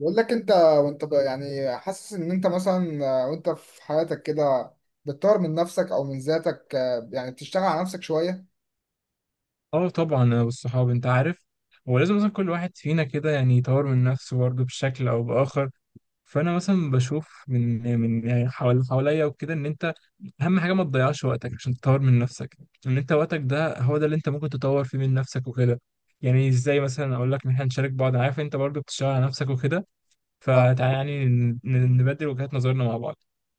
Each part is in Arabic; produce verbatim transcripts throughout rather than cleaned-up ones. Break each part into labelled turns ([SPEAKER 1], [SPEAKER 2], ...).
[SPEAKER 1] بقول لك انت وانت ب- يعني حاسس ان انت مثلا آه، وانت في حياتك كده، بتطور من نفسك او من ذاتك، آه، يعني بتشتغل على نفسك شوية.
[SPEAKER 2] اه، طبعا انا والصحاب انت عارف. هو لازم مثلا كل واحد فينا كده يعني يطور من نفسه برضه بشكل او باخر. فانا مثلا بشوف من من يعني حوالي حواليا وكده ان انت اهم حاجه ما تضيعش وقتك عشان تطور من نفسك. ان انت وقتك ده هو ده اللي انت ممكن تطور فيه من نفسك وكده. يعني ازاي مثلا اقول لك ان احنا نشارك بعض، عارف انت برضه بتشتغل على نفسك وكده.
[SPEAKER 1] اه،
[SPEAKER 2] فتعالى يعني ن- ن- نبدل وجهات نظرنا مع بعض.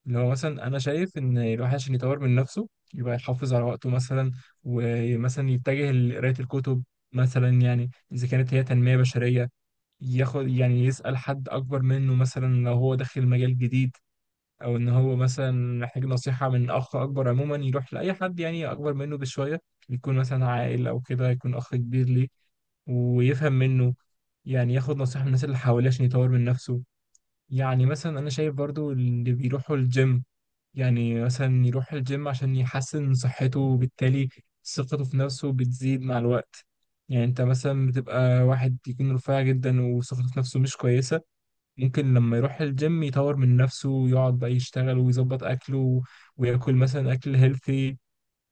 [SPEAKER 2] اللي هو مثلا انا شايف ان الواحد عشان يطور من نفسه يبقى يحافظ على وقته مثلا، ومثلا يتجه لقراية الكتب، مثلا يعني اذا كانت هي تنمية بشرية، ياخد يعني يسأل حد اكبر منه مثلا لو هو داخل مجال جديد، او ان هو مثلا محتاج نصيحة من اخ اكبر عموما، يروح لاي حد يعني اكبر منه بشوية، يكون مثلا عاقل او كده، يكون اخ كبير ليه ويفهم منه. يعني ياخد نصيحة من الناس اللي حواليه عشان يطور من نفسه. يعني مثلا انا شايف برضو اللي بيروحوا الجيم، يعني مثلا يروح الجيم عشان يحسن من صحته، وبالتالي ثقته في نفسه بتزيد مع الوقت. يعني انت مثلا بتبقى واحد يكون رفيع جدا وثقته في نفسه مش كويسة، ممكن لما يروح الجيم يطور من نفسه ويقعد بقى يشتغل ويظبط اكله وياكل مثلا اكل هيلثي.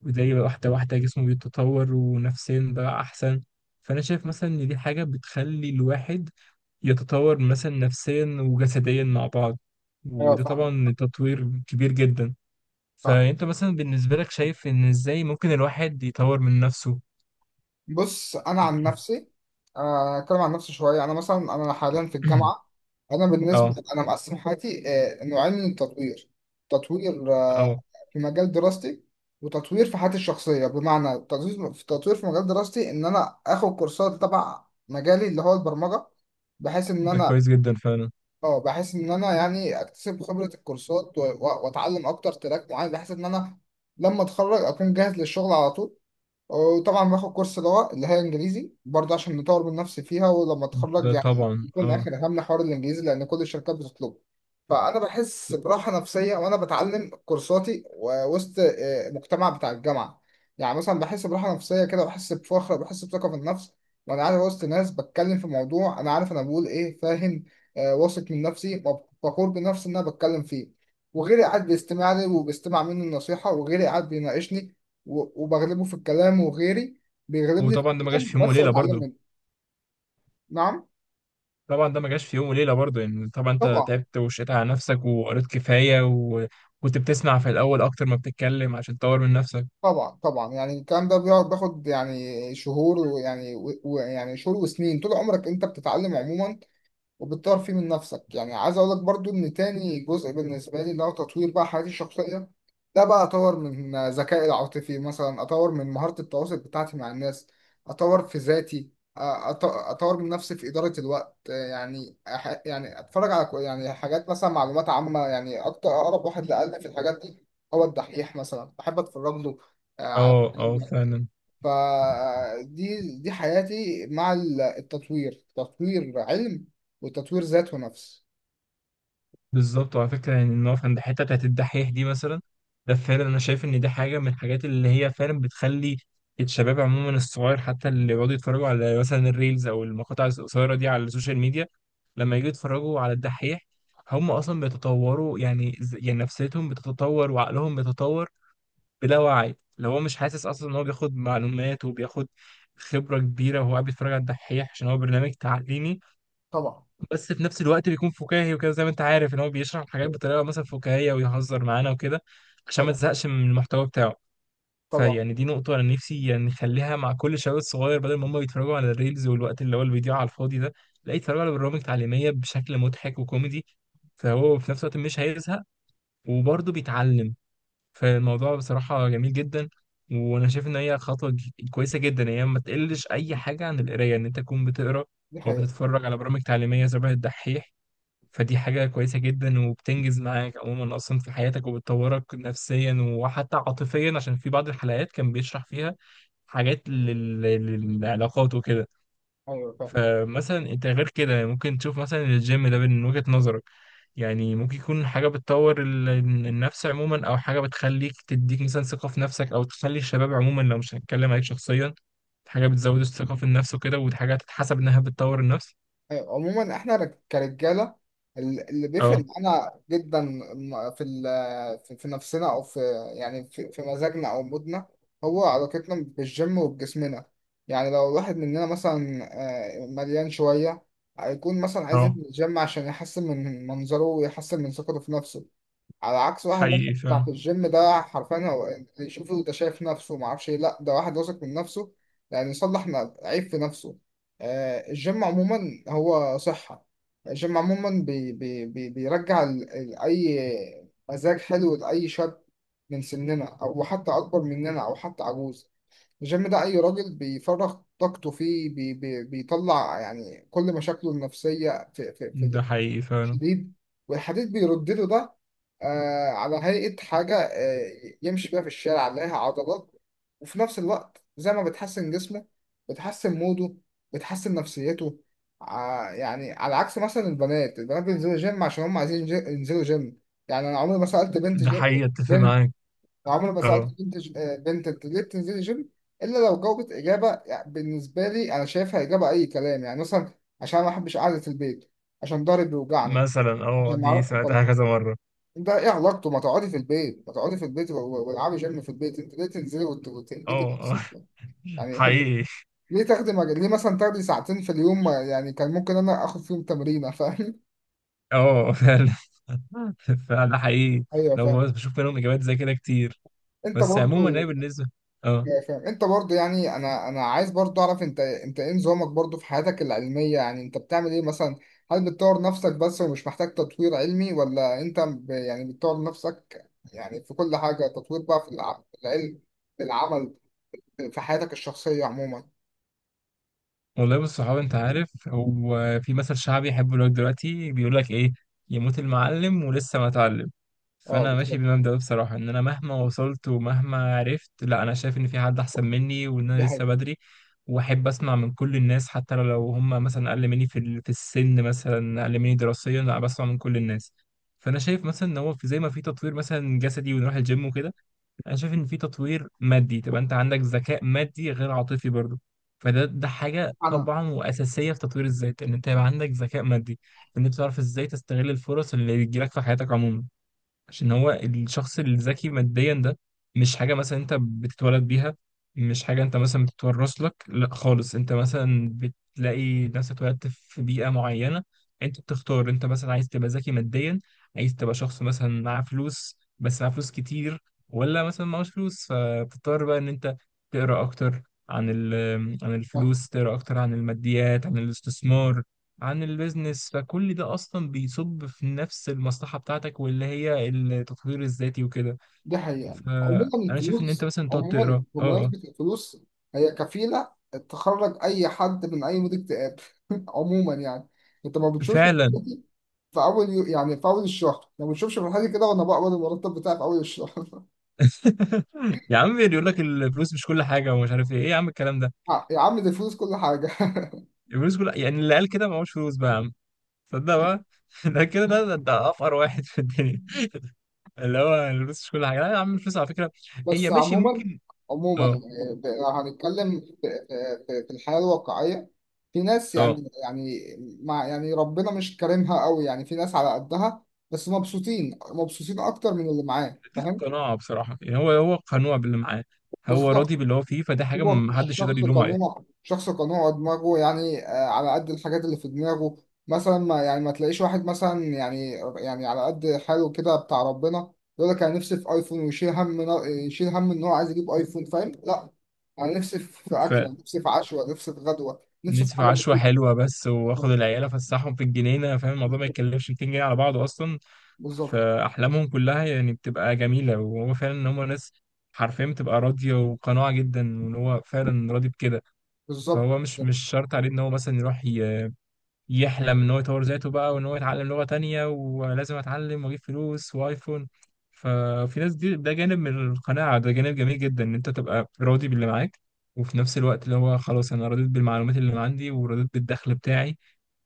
[SPEAKER 2] وده واحدة واحدة جسمه بيتطور ونفسيا بقى أحسن. فأنا شايف مثلا إن دي حاجة بتخلي الواحد يتطور مثلا نفسيا وجسديا مع بعض،
[SPEAKER 1] ايوه،
[SPEAKER 2] وده
[SPEAKER 1] فاهم،
[SPEAKER 2] طبعا تطوير كبير جدا.
[SPEAKER 1] فاهم.
[SPEAKER 2] فأنت مثلا بالنسبة لك شايف إن إزاي ممكن الواحد يطور من نفسه؟
[SPEAKER 1] بص، انا عن نفسي، آه، اتكلم عن نفسي شوية. انا مثلا انا حاليا في الجامعة. انا بالنسبه،
[SPEAKER 2] اه،
[SPEAKER 1] انا مقسم حياتي آه، نوعين من التطوير: تطوير آه،
[SPEAKER 2] اه.
[SPEAKER 1] في مجال دراستي، وتطوير في حياتي الشخصيه. بمعنى تطوير في تطوير في مجال دراستي ان انا اخد كورسات تبع مجالي اللي هو البرمجه، بحيث ان
[SPEAKER 2] ده
[SPEAKER 1] انا
[SPEAKER 2] كويس جدا فعلا.
[SPEAKER 1] اه بحيث ان انا يعني اكتسب خبره الكورسات و- و- واتعلم اكتر تراك معين، بحيث ان انا لما اتخرج اكون جاهز للشغل على طول. وطبعا باخد كورس لغة اللي هي انجليزي برضه عشان نطور من نفسي فيها، ولما اتخرج
[SPEAKER 2] ده
[SPEAKER 1] يعني
[SPEAKER 2] طبعا،
[SPEAKER 1] يكون
[SPEAKER 2] اه.
[SPEAKER 1] اخر همنا حوار الانجليزي، لان كل الشركات بتطلبه. فانا بحس براحة نفسية وانا بتعلم كورساتي ووسط آه، المجتمع بتاع الجامعة. يعني مثلا بحس براحة نفسية كده، بحس بفخر، بحس بثقة في النفس وانا قاعد وسط ناس بتكلم في موضوع انا عارف انا بقول ايه، فاهم؟ آه، واثق من نفسي، فخور بنفسي ان انا بتكلم فيه، وغيري قاعد بيستمع لي وبيستمع مني النصيحة، وغيري قاعد بيناقشني و- وبغلبه في الكلام، وغيري بيغلبني في
[SPEAKER 2] وطبعا ده ما جاش
[SPEAKER 1] الكلام
[SPEAKER 2] في يوم
[SPEAKER 1] بس
[SPEAKER 2] وليلة
[SPEAKER 1] بتعلم
[SPEAKER 2] برضه.
[SPEAKER 1] منه. نعم.
[SPEAKER 2] طبعا ده ما جاش في يوم وليله برضه، يعني طبعا انت
[SPEAKER 1] طبعا.
[SPEAKER 2] تعبت وشقيت على نفسك وقريت كفايه، وكنت بتسمع في الاول اكتر ما بتتكلم عشان تطور من نفسك.
[SPEAKER 1] طبعا طبعا، يعني الكلام ده بيقعد بياخد يعني شهور ويعني و- ويعني شهور وسنين. طول عمرك انت بتتعلم عموما وبتطور فيه من نفسك. يعني عايز اقول لك برضو ان تاني جزء بالنسبه لي اللي هو تطوير بقى حياتي الشخصيه، ده بقى اطور من ذكائي العاطفي، مثلا اطور من مهاره التواصل بتاعتي مع الناس، اطور في ذاتي، أ- أط- اطور من نفسي في اداره الوقت. يعني أح- يعني اتفرج على كو- يعني حاجات مثلا معلومات عامه. يعني اكتر اقرب واحد لقلبي في الحاجات دي هو الدحيح، مثلا بحب اتفرج له آه، على
[SPEAKER 2] اه، اه، فعلا.
[SPEAKER 1] فدي دي حياتي مع ال- التطوير، تطوير علم وتطوير ذات ونفس.
[SPEAKER 2] بالظبط. وعلى فكره يعني نقف عند الحته بتاعت الدحيح دي مثلا. ده فعلا انا شايف ان دي حاجه من الحاجات اللي هي فعلا بتخلي الشباب عموما، الصغير حتى، اللي بيقعدوا يتفرجوا على مثلا الريلز او المقاطع القصيره دي على السوشيال ميديا، لما يجوا يتفرجوا على الدحيح هم اصلا بيتطوروا. يعني ز- يعني نفسيتهم بتتطور وعقلهم بيتطور بلا وعي، لو هو مش حاسس اصلا ان هو بياخد معلومات وبياخد خبره كبيره وهو قاعد بيتفرج على الدحيح، عشان هو برنامج تعليمي
[SPEAKER 1] طبعا.
[SPEAKER 2] بس في نفس الوقت بيكون فكاهي وكده، زي ما انت عارف ان هو بيشرح الحاجات بطريقه مثلا فكاهيه ويهزر معانا وكده عشان ما
[SPEAKER 1] طبعا.
[SPEAKER 2] تزهقش من المحتوى بتاعه.
[SPEAKER 1] طبعا.
[SPEAKER 2] فيعني دي نقطه انا نفسي يعني نخليها مع كل شباب صغير، بدل ما هم بيتفرجوا على الريلز والوقت اللي هو الفيديو على الفاضي ده، لا يتفرجوا على برامج تعليميه بشكل مضحك وكوميدي، فهو في نفس الوقت مش هيزهق وبرضه بيتعلم. فالموضوع بصراحة جميل جدا، وأنا شايف إن هي خطوة ج- كويسة جدا. يعني هي ما تقلش أي حاجة عن القراية، إن أنت تكون بتقرا
[SPEAKER 1] دي حقيقة.
[SPEAKER 2] وبتتفرج على برامج تعليمية شبه الدحيح. فدي حاجة كويسة جدا وبتنجز معاك عموما أصلا في حياتك، وبتطورك نفسيا وحتى عاطفيا عشان في بعض الحلقات كان بيشرح فيها حاجات لل- للعلاقات وكده.
[SPEAKER 1] أيوة فاهم.
[SPEAKER 2] فمثلا انت غير كده يعني ممكن تشوف مثلا الجيم ده من وجهة نظرك، يعني ممكن يكون حاجة بتطور ال- النفس عموما، او حاجة بتخليك تديك مثلا ثقة في نفسك، او تخلي الشباب عموما لو مش هنتكلم عليك شخصيا، حاجة بتزود الثقة في النفس وكده، وحاجة تتحسب انها بتطور النفس.
[SPEAKER 1] أيوة، عموما إحنا رج- كرجالة، ال- اللي بيفرق
[SPEAKER 2] اه،
[SPEAKER 1] معانا جدا م- في ال- في في نفسنا أو في، يعني في في مزاجنا أو مودنا، هو علاقتنا بالجيم وبجسمنا. يعني لو الواحد مننا مثلا آه، مليان شوية، هيكون مثلا عايز
[SPEAKER 2] اه،
[SPEAKER 1] ينزل الجيم عشان يحسن من منظره ويحسن من ثقته في نفسه، على عكس واحد مثلا
[SPEAKER 2] حقيقي
[SPEAKER 1] بتاع
[SPEAKER 2] فعلا.
[SPEAKER 1] في الجيم ده. حرفيا هو اللي يشوفه ده شايف نفسه ما اعرفش ايه، لا ده واحد واثق من نفسه، يعني يصلح ن- عيب في نفسه. آه، الجيم عموما هو صحة. الجيم عموما بي بي بي بيرجع ال- ال- اي مزاج حلو لاي شاب من سننا او حتى اكبر مننا او حتى عجوز. الجيم ده اي راجل بيفرغ طاقته فيه بي بي بيطلع يعني كل مشاكله النفسية في في
[SPEAKER 2] ده
[SPEAKER 1] في
[SPEAKER 2] حقيقي فعلا.
[SPEAKER 1] حديد، والحديد بيرد له ده آه على هيئة حاجة آه يمشي بيها في الشارع عليها عضلات. وفي نفس الوقت زي ما بتحسن جسمه، بتحسن موده، بتحسن نفسيته. ع- يعني على عكس مثلا البنات البنات بينزلوا جيم عشان هم عايزين جي- ينزلوا جيم. يعني أنا عمري ما سألت بنت
[SPEAKER 2] ده
[SPEAKER 1] جي...
[SPEAKER 2] حقيقي اتفق
[SPEAKER 1] بنت،
[SPEAKER 2] معاك.
[SPEAKER 1] عمري ما
[SPEAKER 2] اه.
[SPEAKER 1] سألت بنت ج... آه، بنت: أنت ليه بتنزلي جيم؟ إلا لو جاوبت إجابة يعني بالنسبة لي أنا شايفها إجابة أي كلام، يعني مثلا: عشان أنا ما بحبش قعدة البيت، عشان ضهري بيوجعني.
[SPEAKER 2] مثلا، اه
[SPEAKER 1] عشان
[SPEAKER 2] دي
[SPEAKER 1] نعرف، طب
[SPEAKER 2] سمعتها كذا مرة.
[SPEAKER 1] انت ايه علاقته؟ ما تقعدي في البيت، ما تقعدي في البيت و- و- والعبي جيم في البيت. انت ليه تنزلي وت- وتهلكي
[SPEAKER 2] اه،
[SPEAKER 1] نفسك؟
[SPEAKER 2] اه.
[SPEAKER 1] يعني
[SPEAKER 2] حقيقي.
[SPEAKER 1] ليه تاخدي مجال، ليه مثلا تاخدي ساعتين في اليوم ما- يعني كان ممكن انا اخد فيهم تمرينه، فاهم؟
[SPEAKER 2] اه، فعلا. فعلا ده حقيقي.
[SPEAKER 1] ايوه
[SPEAKER 2] لو
[SPEAKER 1] فاهم.
[SPEAKER 2] بس بشوف منهم اجابات زي كده كتير.
[SPEAKER 1] انت
[SPEAKER 2] بس عموما
[SPEAKER 1] برضو؟
[SPEAKER 2] انا بالنسبه، اه
[SPEAKER 1] ايوه فاهم. انت برضو يعني، انا انا عايز برضو اعرف انت، انت ايه نظامك برضو في حياتك العلميه؟ يعني انت بتعمل ايه مثلا؟ هل بتطور نفسك بس ومش محتاج تطوير علمي، ولا انت ب- يعني بتطور نفسك يعني في كل حاجه، تطوير بقى في الع- في العلم، في العمل، في حياتك الشخصية عموما؟
[SPEAKER 2] والله بص صحابي، انت عارف هو في مثل شعبي يحبه لك دلوقتي بيقول لك ايه: يموت المعلم ولسه ما اتعلم.
[SPEAKER 1] اه،
[SPEAKER 2] فانا ماشي
[SPEAKER 1] بالظبط،
[SPEAKER 2] بالمبدأ ده بصراحة، ان انا مهما وصلت ومهما عرفت، لا، انا شايف ان في حد احسن مني وان انا
[SPEAKER 1] دي
[SPEAKER 2] لسه
[SPEAKER 1] حقيقة.
[SPEAKER 2] بدري. واحب اسمع من كل الناس، حتى لو هم مثلا اقل مني في ال- في السن، مثلا اقل مني دراسيا، لا بسمع من كل الناس. فانا شايف مثلا ان هو في، زي ما في تطوير مثلا جسدي ونروح الجيم وكده، انا شايف ان في تطوير مادي، تبقى انت عندك ذكاء مادي غير عاطفي برضه. فده ده حاجة
[SPEAKER 1] أنا
[SPEAKER 2] طبعا وأساسية في تطوير الذات، إن أنت يبقى عندك ذكاء مادي، إن أنت تعرف إزاي تستغل الفرص اللي بتجيلك في حياتك عموما. عشان هو الشخص الذكي ماديا ده، مش حاجة مثلا انت بتتولد بيها، مش حاجة انت مثلا بتتورث لك، لا خالص، انت مثلا بتلاقي نفسك اتولدت في بيئة معينة، انت بتختار انت مثلا عايز تبقى ذكي ماديا، عايز تبقى شخص مثلا معاه فلوس، بس معاه فلوس كتير، ولا مثلا معهوش فلوس فبتضطر بقى ان انت تقرا اكتر عن ال- عن
[SPEAKER 1] اه،
[SPEAKER 2] الفلوس، تقرا اكتر عن الماديات، عن الاستثمار، عن البيزنس. فكل ده اصلا بيصب في نفس المصلحه بتاعتك، واللي هي التطوير الذاتي وكده.
[SPEAKER 1] دي حقيقة. يعني عموما
[SPEAKER 2] فانا شايف ان انت
[SPEAKER 1] الفلوس،
[SPEAKER 2] مثلا تقعد
[SPEAKER 1] عموما
[SPEAKER 2] تقرا. اه آه.
[SPEAKER 1] بمناسبة الفلوس، هي كفيلة تخرج أي حد من أي مود اكتئاب. عموما يعني، أنت ما بتشوفش
[SPEAKER 2] فعلا.
[SPEAKER 1] في أول يو... يعني في أول الشهر، ما بتشوفش في حاجة كده وأنا بقبض المرتب بتاعي في أول الشهر.
[SPEAKER 2] يا عم بيقول لك الفلوس مش كل حاجه ومش عارف ايه ايه، يا عم الكلام ده.
[SPEAKER 1] آه، يا عم دي الفلوس كل حاجة.
[SPEAKER 2] الفلوس كل، يعني اللي قال كده معهوش فلوس بقى يا عم، صدق بقى. ده كده، ده ده ده افقر واحد في الدنيا، اللي هو الفلوس مش كل حاجه. لا يا عم، الفلوس على فكره هي
[SPEAKER 1] بس
[SPEAKER 2] ماشي
[SPEAKER 1] عموما
[SPEAKER 2] ممكن.
[SPEAKER 1] عموما
[SPEAKER 2] اه،
[SPEAKER 1] آه، ب- لو هنتكلم في في- في الحياة الواقعية، في ناس
[SPEAKER 2] اه،
[SPEAKER 1] يعني يعني مع يعني ربنا مش كارمها قوي، يعني في ناس على قدها بس مبسوطين، مبسوطين اكتر من اللي معاه،
[SPEAKER 2] دي
[SPEAKER 1] فاهم؟
[SPEAKER 2] قناعه بصراحه، يعني هو هو قنوع باللي معاه، هو
[SPEAKER 1] بالظبط.
[SPEAKER 2] راضي باللي هو فيه، فده حاجه
[SPEAKER 1] هو
[SPEAKER 2] محدش يقدر
[SPEAKER 1] شخص
[SPEAKER 2] يلوم عليها.
[SPEAKER 1] قنوع، شخص قنوع، دماغه يعني آه، على قد الحاجات اللي في دماغه. مثلا ما يعني ما تلاقيش واحد مثلا يعني، يعني على قد حاله كده بتاع ربنا، يقول لك انا نفسي في ايفون ويشيل هم، يشيل هم ان هو عايز يجيب ايفون، فاهم؟ لا، انا نفسي في اكله، نفسي في عشوه، نفسي في غدوه، نفسي في
[SPEAKER 2] فنسف
[SPEAKER 1] حاجه
[SPEAKER 2] عشوة
[SPEAKER 1] بسيطه.
[SPEAKER 2] حلوة بس، واخد العيال افسحهم في الجنينة، فاهم؟ الموضوع ما يتكلفش ميتين جنيه على بعضه اصلا.
[SPEAKER 1] بالظبط.
[SPEAKER 2] فاحلامهم كلها يعني بتبقى جميلة، وهو فعلا ان هم ناس حرفيا بتبقى راضية وقناعة جدا، وان هو فعلا راضي بكده.
[SPEAKER 1] بالظبط.
[SPEAKER 2] فهو مش مش شرط عليه ان هو مثلا يروح يحلم ان هو يطور ذاته بقى، وان هو يتعلم لغة تانية ولازم اتعلم واجيب فلوس وايفون. ففي ناس دي، ده جانب من القناعة، ده جانب جميل جدا، ان انت تبقى راضي باللي معاك. وفي نفس الوقت اللي هو خلاص انا رضيت بالمعلومات اللي عندي ورضيت بالدخل بتاعي،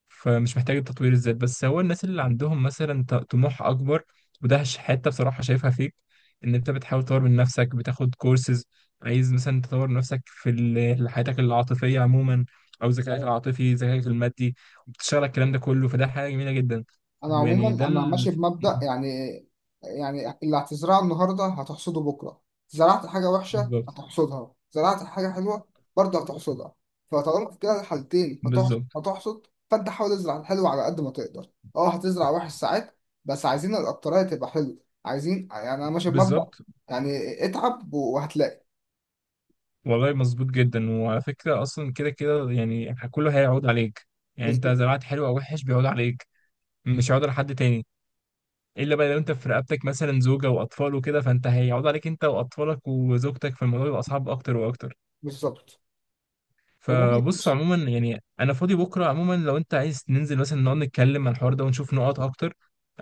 [SPEAKER 2] فمش محتاج تطوير الذات. بس هو الناس اللي عندهم مثلا ط- طموح اكبر، وده ش- حته بصراحه شايفها فيك، ان انت بتحاول تطور من نفسك، بتاخد كورسز، عايز مثلا تطور نفسك في ال- حياتك العاطفيه عموما، او ذكائك العاطفي، ذكائك المادي، وبتشتغل الكلام ده كله، فده حاجه جميله جدا.
[SPEAKER 1] انا
[SPEAKER 2] ويعني ده
[SPEAKER 1] عموما انا
[SPEAKER 2] ال...
[SPEAKER 1] ماشي بمبدأ، يعني يعني اللي هتزرعه النهارده هتحصده بكره. زرعت حاجه وحشه
[SPEAKER 2] بالظبط،
[SPEAKER 1] هتحصدها، زرعت حاجه حلوه برضه هتحصدها. فطالما في كده الحالتين هتحصد،
[SPEAKER 2] بالظبط،
[SPEAKER 1] هتحصد، فانت حاول تزرع الحلو على قد ما تقدر. اه، هتزرع وحش ساعات، بس عايزين الاكتريه تبقى حلو. عايزين يعني، انا ماشي بمبدأ
[SPEAKER 2] بالظبط.
[SPEAKER 1] يعني اتعب وهتلاقي.
[SPEAKER 2] والله مظبوط جدا. وعلى فكره اصلا كده كده، يعني كله هيعود عليك، يعني انت
[SPEAKER 1] بالظبط.
[SPEAKER 2] زرعت حلو او وحش بيعود عليك، مش هيعود على حد تاني، الا بقى لو انت في رقبتك مثلا زوجه واطفال وكده، فانت هيقعد عليك انت واطفالك وزوجتك، فالموضوع يبقى صعب اكتر واكتر.
[SPEAKER 1] بالظبط. عموما
[SPEAKER 2] فبص عموما يعني انا فاضي بكره، عموما لو انت عايز ننزل مثلا نقعد نتكلم عن الحوار ده ونشوف نقط اكتر،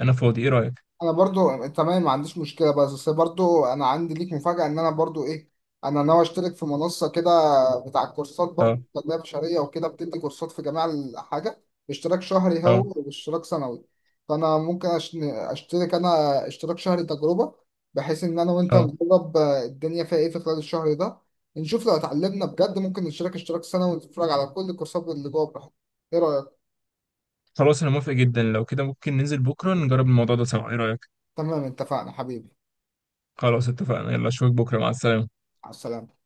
[SPEAKER 2] انا فاضي، ايه رايك؟
[SPEAKER 1] انا برضو تمام، ما عنديش مشكله، بس بس برضو انا عندي ليك مفاجاه، ان انا برضو ايه، انا ناوي اشترك في منصه كده بتاع كورسات
[SPEAKER 2] اه،
[SPEAKER 1] برضو تنميه بشريه وكده، بتدي كورسات في جميع الحاجه. اشتراك شهري
[SPEAKER 2] اه،
[SPEAKER 1] هو واشتراك سنوي. فانا ممكن أش- اشترك انا اشتراك شهري تجربه، بحيث ان انا وانت
[SPEAKER 2] اه،
[SPEAKER 1] نجرب الدنيا فيها ايه في خلال الشهر ده. نشوف لو اتعلمنا بجد ممكن نشترك اشتراك سنوي ونتفرج على كل الكورسات اللي جوه براحتنا. ايه رايك؟
[SPEAKER 2] خلاص انا موافق جدا، لو كده ممكن ننزل بكره نجرب الموضوع ده سوا، ايه رايك؟
[SPEAKER 1] تمام، اتفقنا حبيبي.
[SPEAKER 2] خلاص اتفقنا، يلا اشوفك بكره، مع السلامه.
[SPEAKER 1] على السلامه.